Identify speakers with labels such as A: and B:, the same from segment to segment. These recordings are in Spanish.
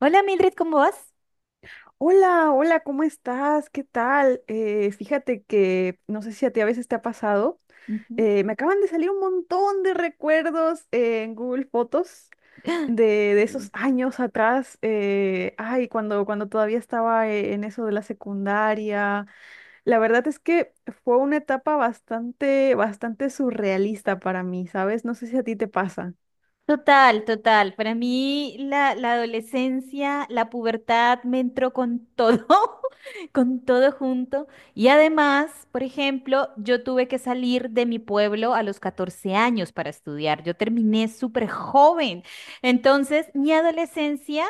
A: Hola Mildred, ¿cómo vas?
B: Hola, hola, ¿cómo estás? ¿Qué tal? Fíjate que no sé si a ti a veces te ha pasado.
A: Ujú.
B: Me acaban de salir un montón de recuerdos en Google Fotos de, de esos
A: Y-
B: años atrás. Ay, cuando todavía estaba en eso de la secundaria. La verdad es que fue una etapa bastante surrealista para mí, ¿sabes? No sé si a ti te pasa.
A: Total, total. Para mí la adolescencia, la pubertad me entró con todo, con todo junto. Y además, por ejemplo, yo tuve que salir de mi pueblo a los 14 años para estudiar. Yo terminé súper joven. Entonces, mi adolescencia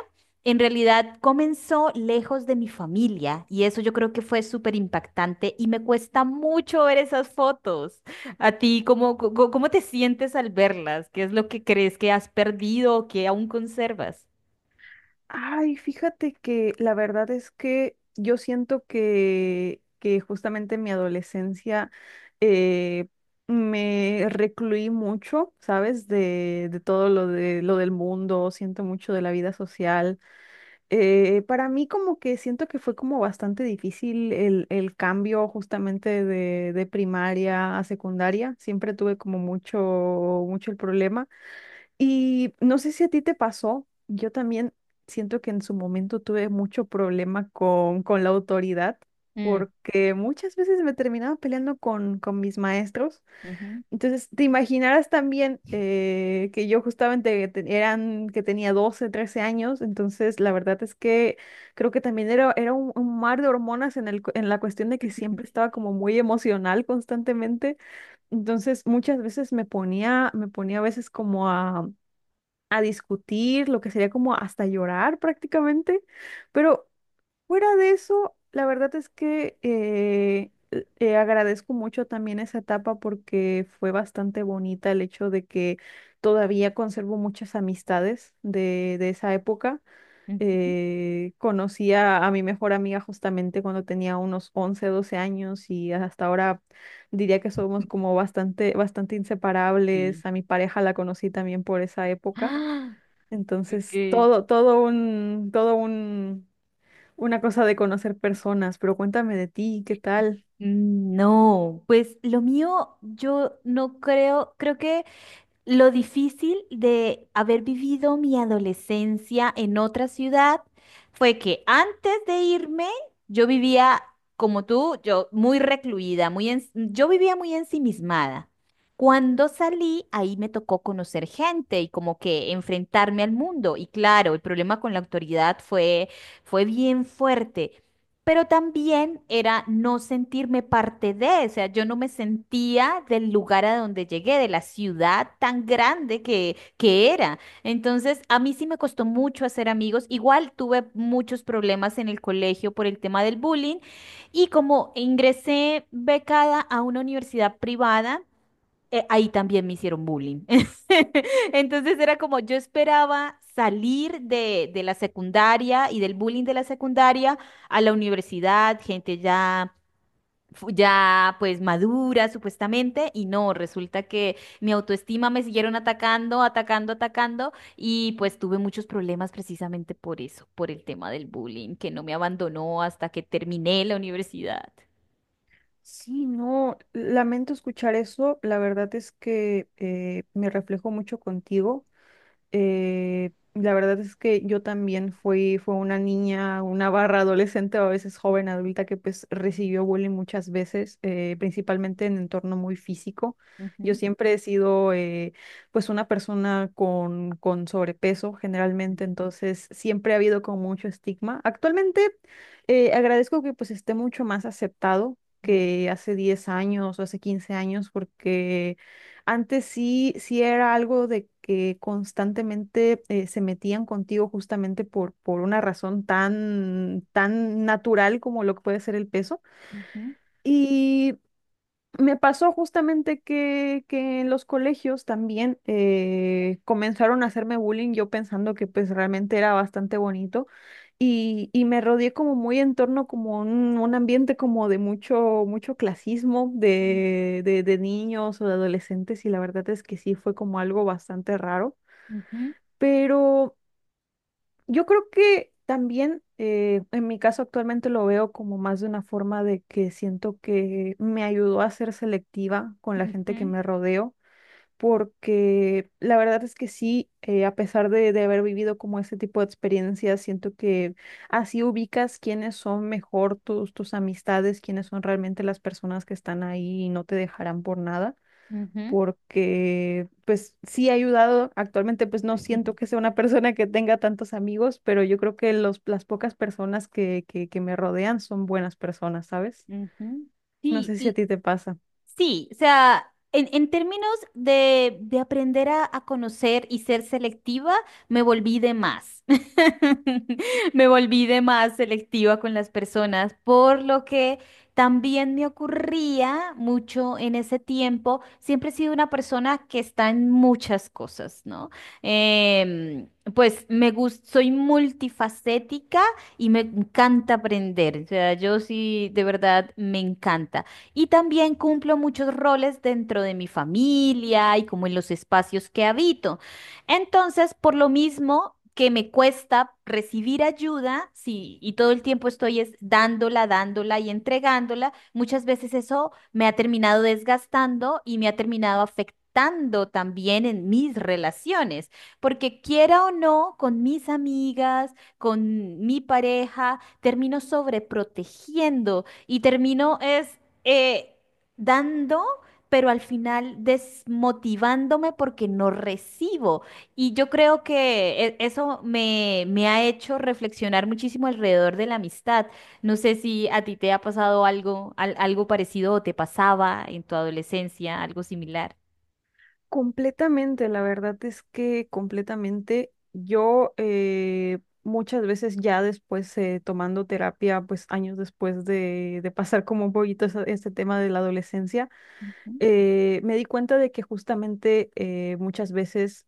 A: en realidad comenzó lejos de mi familia y eso yo creo que fue súper impactante y me cuesta mucho ver esas fotos. A ti, ¿cómo te sientes al verlas? ¿Qué es lo que crees que has perdido o que aún conservas?
B: Ay, fíjate que la verdad es que yo siento que justamente en mi adolescencia eh, me recluí mucho, ¿sabes? De todo lo de lo del mundo, siento mucho de la vida social. Para mí como que siento que fue como bastante difícil el cambio justamente de primaria a secundaria. Siempre tuve como mucho, mucho el problema. Y no sé si a ti te pasó, yo también siento que en su momento tuve mucho problema con la autoridad,
A: Mm,
B: porque muchas veces me terminaba peleando con mis maestros.
A: ujú,
B: Entonces, te imaginarás también que yo justamente que tenía 12 13 años, entonces la verdad es que creo que también era un mar de hormonas en en la cuestión de que siempre estaba como muy emocional constantemente. Entonces, muchas veces me ponía a veces como a discutir, lo que sería como hasta llorar prácticamente. Pero fuera de eso, la verdad es que agradezco mucho también esa etapa porque fue bastante bonita el hecho de que todavía conservo muchas amistades de esa época.
A: ujú.
B: Conocí a mi mejor amiga justamente cuando tenía unos 11 12 años y hasta ahora diría que somos como bastante, bastante
A: Sí.
B: inseparables. A mi pareja la conocí también por esa época.
A: Ah,
B: Entonces,
A: ok.
B: todo un, una cosa de conocer personas, pero cuéntame de ti, ¿qué tal?
A: Mm, no, pues lo mío yo no creo, creo que lo difícil de haber vivido mi adolescencia en otra ciudad fue que antes de irme, yo vivía como tú, yo muy recluida, muy yo vivía muy ensimismada. Cuando salí, ahí me tocó conocer gente y como que enfrentarme al mundo. Y claro, el problema con la autoridad fue, fue bien fuerte pero también era no sentirme parte de, o sea, yo no me sentía del lugar a donde llegué, de la ciudad tan grande que era. Entonces, a mí sí me costó mucho hacer amigos. Igual tuve muchos problemas en el colegio por el tema del bullying y como ingresé becada a una universidad privada, ahí también me hicieron bullying. Entonces era como yo esperaba salir de la secundaria y del bullying de la secundaria a la universidad, gente ya, ya pues madura supuestamente, y no, resulta que mi autoestima me siguieron atacando, atacando, atacando, y pues tuve muchos problemas precisamente por eso, por el tema del bullying, que no me abandonó hasta que terminé la universidad.
B: Sí, no, lamento escuchar eso. La verdad es que me reflejo mucho contigo. La verdad es que yo también fue una niña, una barra adolescente o a veces joven adulta que pues recibió bullying muchas veces, principalmente en entorno muy físico. Yo
A: Ujú,
B: siempre he sido pues una persona con sobrepeso generalmente, entonces siempre ha habido con mucho estigma. Actualmente agradezco que pues esté mucho más aceptado que hace 10 años o hace 15 años porque antes sí, sí era algo de que constantemente se metían contigo justamente por una razón tan, tan natural como lo que puede ser el peso.
A: ujú,
B: Y me pasó justamente que en los colegios también comenzaron a hacerme bullying, yo pensando que pues realmente era bastante bonito y me rodeé como muy en torno como un ambiente como de mucho, mucho clasismo
A: ujú,
B: de niños o de adolescentes y la verdad es que sí fue como algo bastante raro,
A: ujú.
B: pero... Yo creo que también en mi caso actualmente lo veo como más de una forma de que siento que me ayudó a ser selectiva con la gente que
A: Ujú,
B: me rodeo, porque la verdad es que sí, a pesar de haber vivido como ese tipo de experiencias, siento que así ubicas quiénes son mejor tus amistades, quiénes son realmente las personas que están ahí y no te dejarán por nada
A: ujú,
B: porque pues sí ha ayudado. Actualmente pues no siento que sea una persona que tenga tantos amigos, pero yo creo que las pocas personas que me rodean son buenas personas, ¿sabes?
A: ujú.
B: No
A: Sí,
B: sé si a
A: y,
B: ti te pasa.
A: sí, o sea, en términos de aprender a conocer y ser selectiva, me volví de más. Me volví de más selectiva con las personas, por lo que también me ocurría mucho en ese tiempo. Siempre he sido una persona que está en muchas cosas, ¿no? Em, pues me gusta, soy multifacética y me encanta aprender. O sea, yo sí, de verdad, me encanta. Y también cumplo muchos roles dentro de mi familia y como en los espacios que habito. Entonces, por lo mismo que me cuesta recibir ayuda, sí, y todo el tiempo estoy es dándola, dándola y entregándola, muchas veces eso me ha terminado desgastando y me ha terminado afectando también en mis relaciones, porque quiera o no, con mis amigas, con mi pareja, termino sobreprotegiendo y termino es, eh, dando, pero al final desmotivándome porque no recibo. Y yo creo que eso me ha hecho reflexionar muchísimo alrededor de la amistad. No sé si a ti te ha pasado algo, algo parecido o te pasaba en tu adolescencia, algo similar.
B: Completamente, la verdad es que completamente yo muchas veces ya después tomando terapia, pues años después de pasar como un poquito este tema de la adolescencia,
A: Ujú,
B: me di cuenta de que justamente muchas veces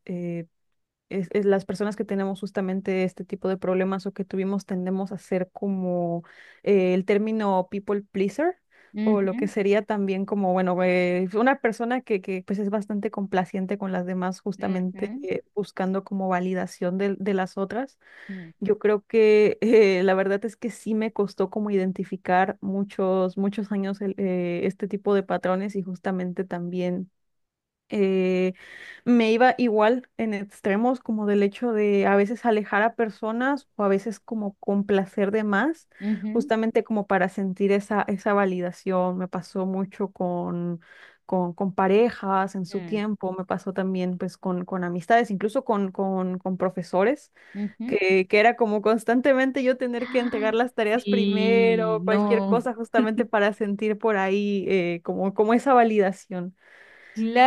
B: es las personas que tenemos justamente este tipo de problemas o que tuvimos tendemos a ser como el término people pleaser o lo que
A: ujú,
B: sería también como, bueno, una persona pues es bastante complaciente con las demás justamente buscando como validación de las otras.
A: mm,
B: Yo creo que la verdad es que sí me costó como identificar muchos, muchos años este tipo de patrones y justamente también eh, me iba igual en extremos como del hecho de a veces alejar a personas o a veces como complacer de más,
A: ujú,
B: justamente como para sentir esa, esa validación. Me pasó mucho con parejas en su
A: mm,
B: tiempo, me pasó también pues con amistades, incluso con profesores,
A: ujú,
B: que era como constantemente yo tener que entregar
A: ay,
B: las tareas
A: sí,
B: primero, cualquier
A: no.
B: cosa justamente para sentir por ahí como esa validación.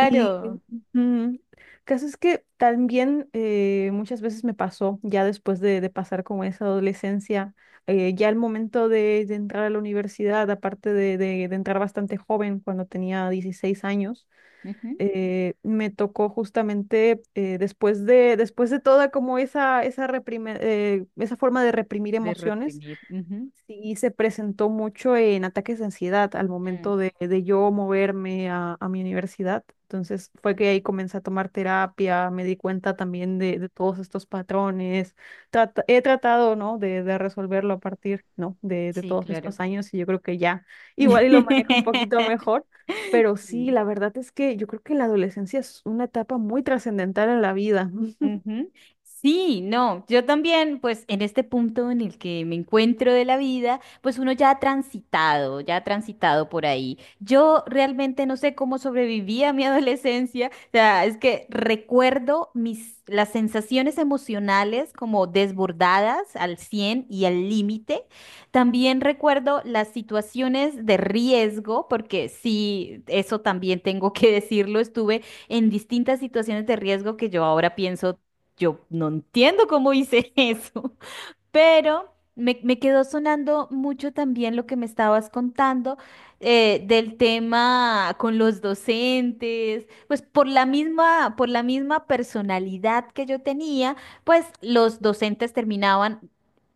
B: Y ujú, caso es que también muchas veces me pasó, ya después de pasar como esa adolescencia, ya el momento de entrar a la universidad, aparte de entrar bastante joven, cuando tenía 16 años,
A: Ujú.
B: me tocó justamente después de toda como esa forma de reprimir
A: De
B: emociones.
A: reprimir. Ujú.
B: Sí, se presentó mucho en ataques de ansiedad al
A: Mm,
B: momento de yo moverme a mi universidad. Entonces fue que ahí comencé a tomar terapia, me di cuenta también de todos estos patrones. He tratado, ¿no? De resolverlo a partir, ¿no? De
A: sí,
B: todos
A: claro.
B: estos años y yo creo que ya igual y lo manejo un poquito mejor. Pero sí,
A: Sí.
B: la verdad es que yo creo que la adolescencia es una etapa muy trascendental en la vida.
A: Ujú. Sí, no, yo también, pues en este punto en el que me encuentro de la vida, pues uno ya ha transitado por ahí. Yo realmente no sé cómo sobreviví a mi adolescencia, o sea, es que recuerdo mis, las sensaciones emocionales como desbordadas al 100 y al límite. También recuerdo las situaciones de riesgo, porque sí, eso también tengo que decirlo, estuve en distintas situaciones de riesgo que yo ahora pienso, yo no entiendo cómo hice eso. Pero me quedó sonando mucho también lo que me estabas contando, del tema con los docentes, pues por la misma personalidad que yo tenía, pues los docentes terminaban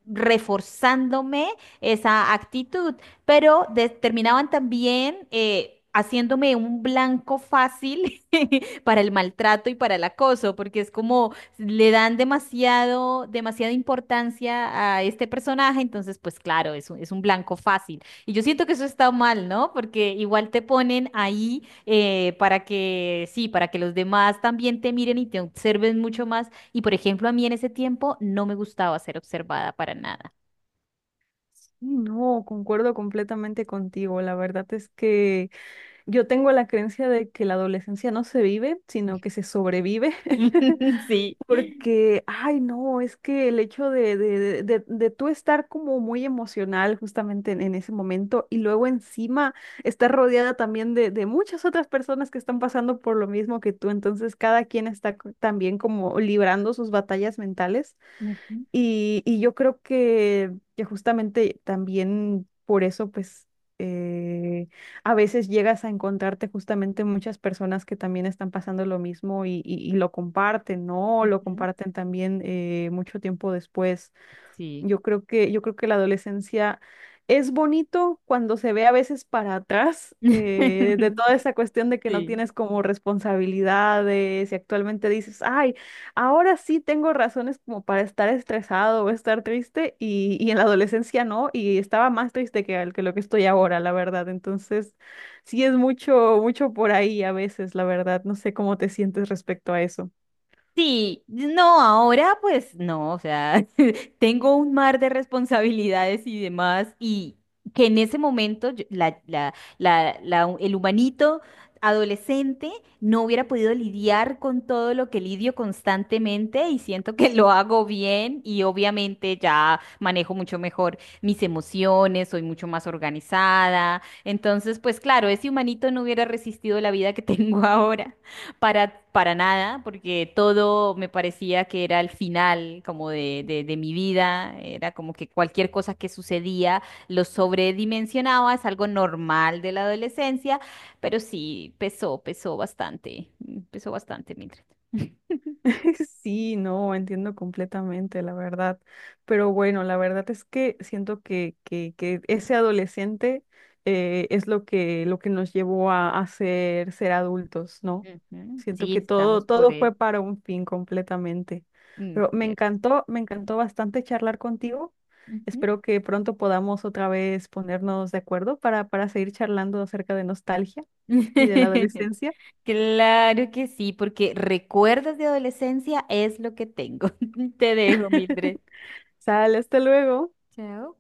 A: reforzándome esa actitud, pero terminaban también, haciéndome un blanco fácil para el maltrato y para el acoso, porque es como le dan demasiado, demasiada importancia a este personaje, entonces pues claro, es un blanco fácil. Y yo siento que eso está mal, ¿no? Porque igual te ponen ahí, para que, sí, para que los demás también te miren y te observen mucho más. Y por ejemplo, a mí en ese tiempo no me gustaba ser observada para nada.
B: Sí, no, concuerdo completamente contigo. La verdad es que yo tengo la creencia de que la adolescencia no se vive, sino que se sobrevive,
A: Sí.
B: porque, ay, no, es que el hecho de tú estar como muy emocional justamente en ese momento y luego encima estar rodeada también de muchas otras personas que están pasando por lo mismo que tú, entonces cada quien está también como librando sus batallas mentales.
A: Ujú,
B: Y yo creo que justamente también por eso, pues, eh, a veces llegas a encontrarte justamente muchas personas que también están pasando lo mismo y lo comparten, ¿no? Lo
A: ujú.
B: comparten también mucho tiempo después.
A: Sí.
B: Yo creo que la adolescencia es bonito cuando se ve a veces para atrás de toda esa cuestión de que no
A: Sí.
B: tienes como responsabilidades y actualmente dices, ay, ahora sí tengo razones como para estar estresado o estar triste y en la adolescencia no, y estaba más triste que lo que estoy ahora, la verdad. Entonces, sí es mucho, mucho por ahí a veces, la verdad. No sé cómo te sientes respecto a eso.
A: Sí, no, ahora pues no, o sea, tengo un mar de responsabilidades y demás, y que en ese momento el humanito adolescente no hubiera podido lidiar con todo lo que lidio constantemente y siento que lo hago bien y obviamente ya manejo mucho mejor mis emociones, soy mucho más organizada, entonces pues claro, ese humanito no hubiera resistido la vida que tengo ahora para nada, porque todo me parecía que era el final como de mi vida, era como que cualquier cosa que sucedía lo sobredimensionaba, es algo normal de la adolescencia, pero sí, pesó, pesó bastante, pesó bastante, Mildred.
B: Sí, no, entiendo completamente, la verdad. Pero bueno, la verdad es que siento que ese adolescente es lo que nos llevó a ser, ser adultos, ¿no?
A: Ujú,
B: Siento que
A: sí, estamos
B: todo,
A: por
B: todo
A: él.
B: fue para un fin completamente.
A: Mm, cierto.
B: Me encantó bastante charlar contigo.
A: Ujú.
B: Espero que pronto podamos otra vez ponernos de acuerdo para seguir charlando acerca de nostalgia y de la adolescencia.
A: Claro que sí, porque recuerdos de adolescencia es lo que tengo. Te dejo, Mildred.
B: Sale, hasta luego.
A: Chao.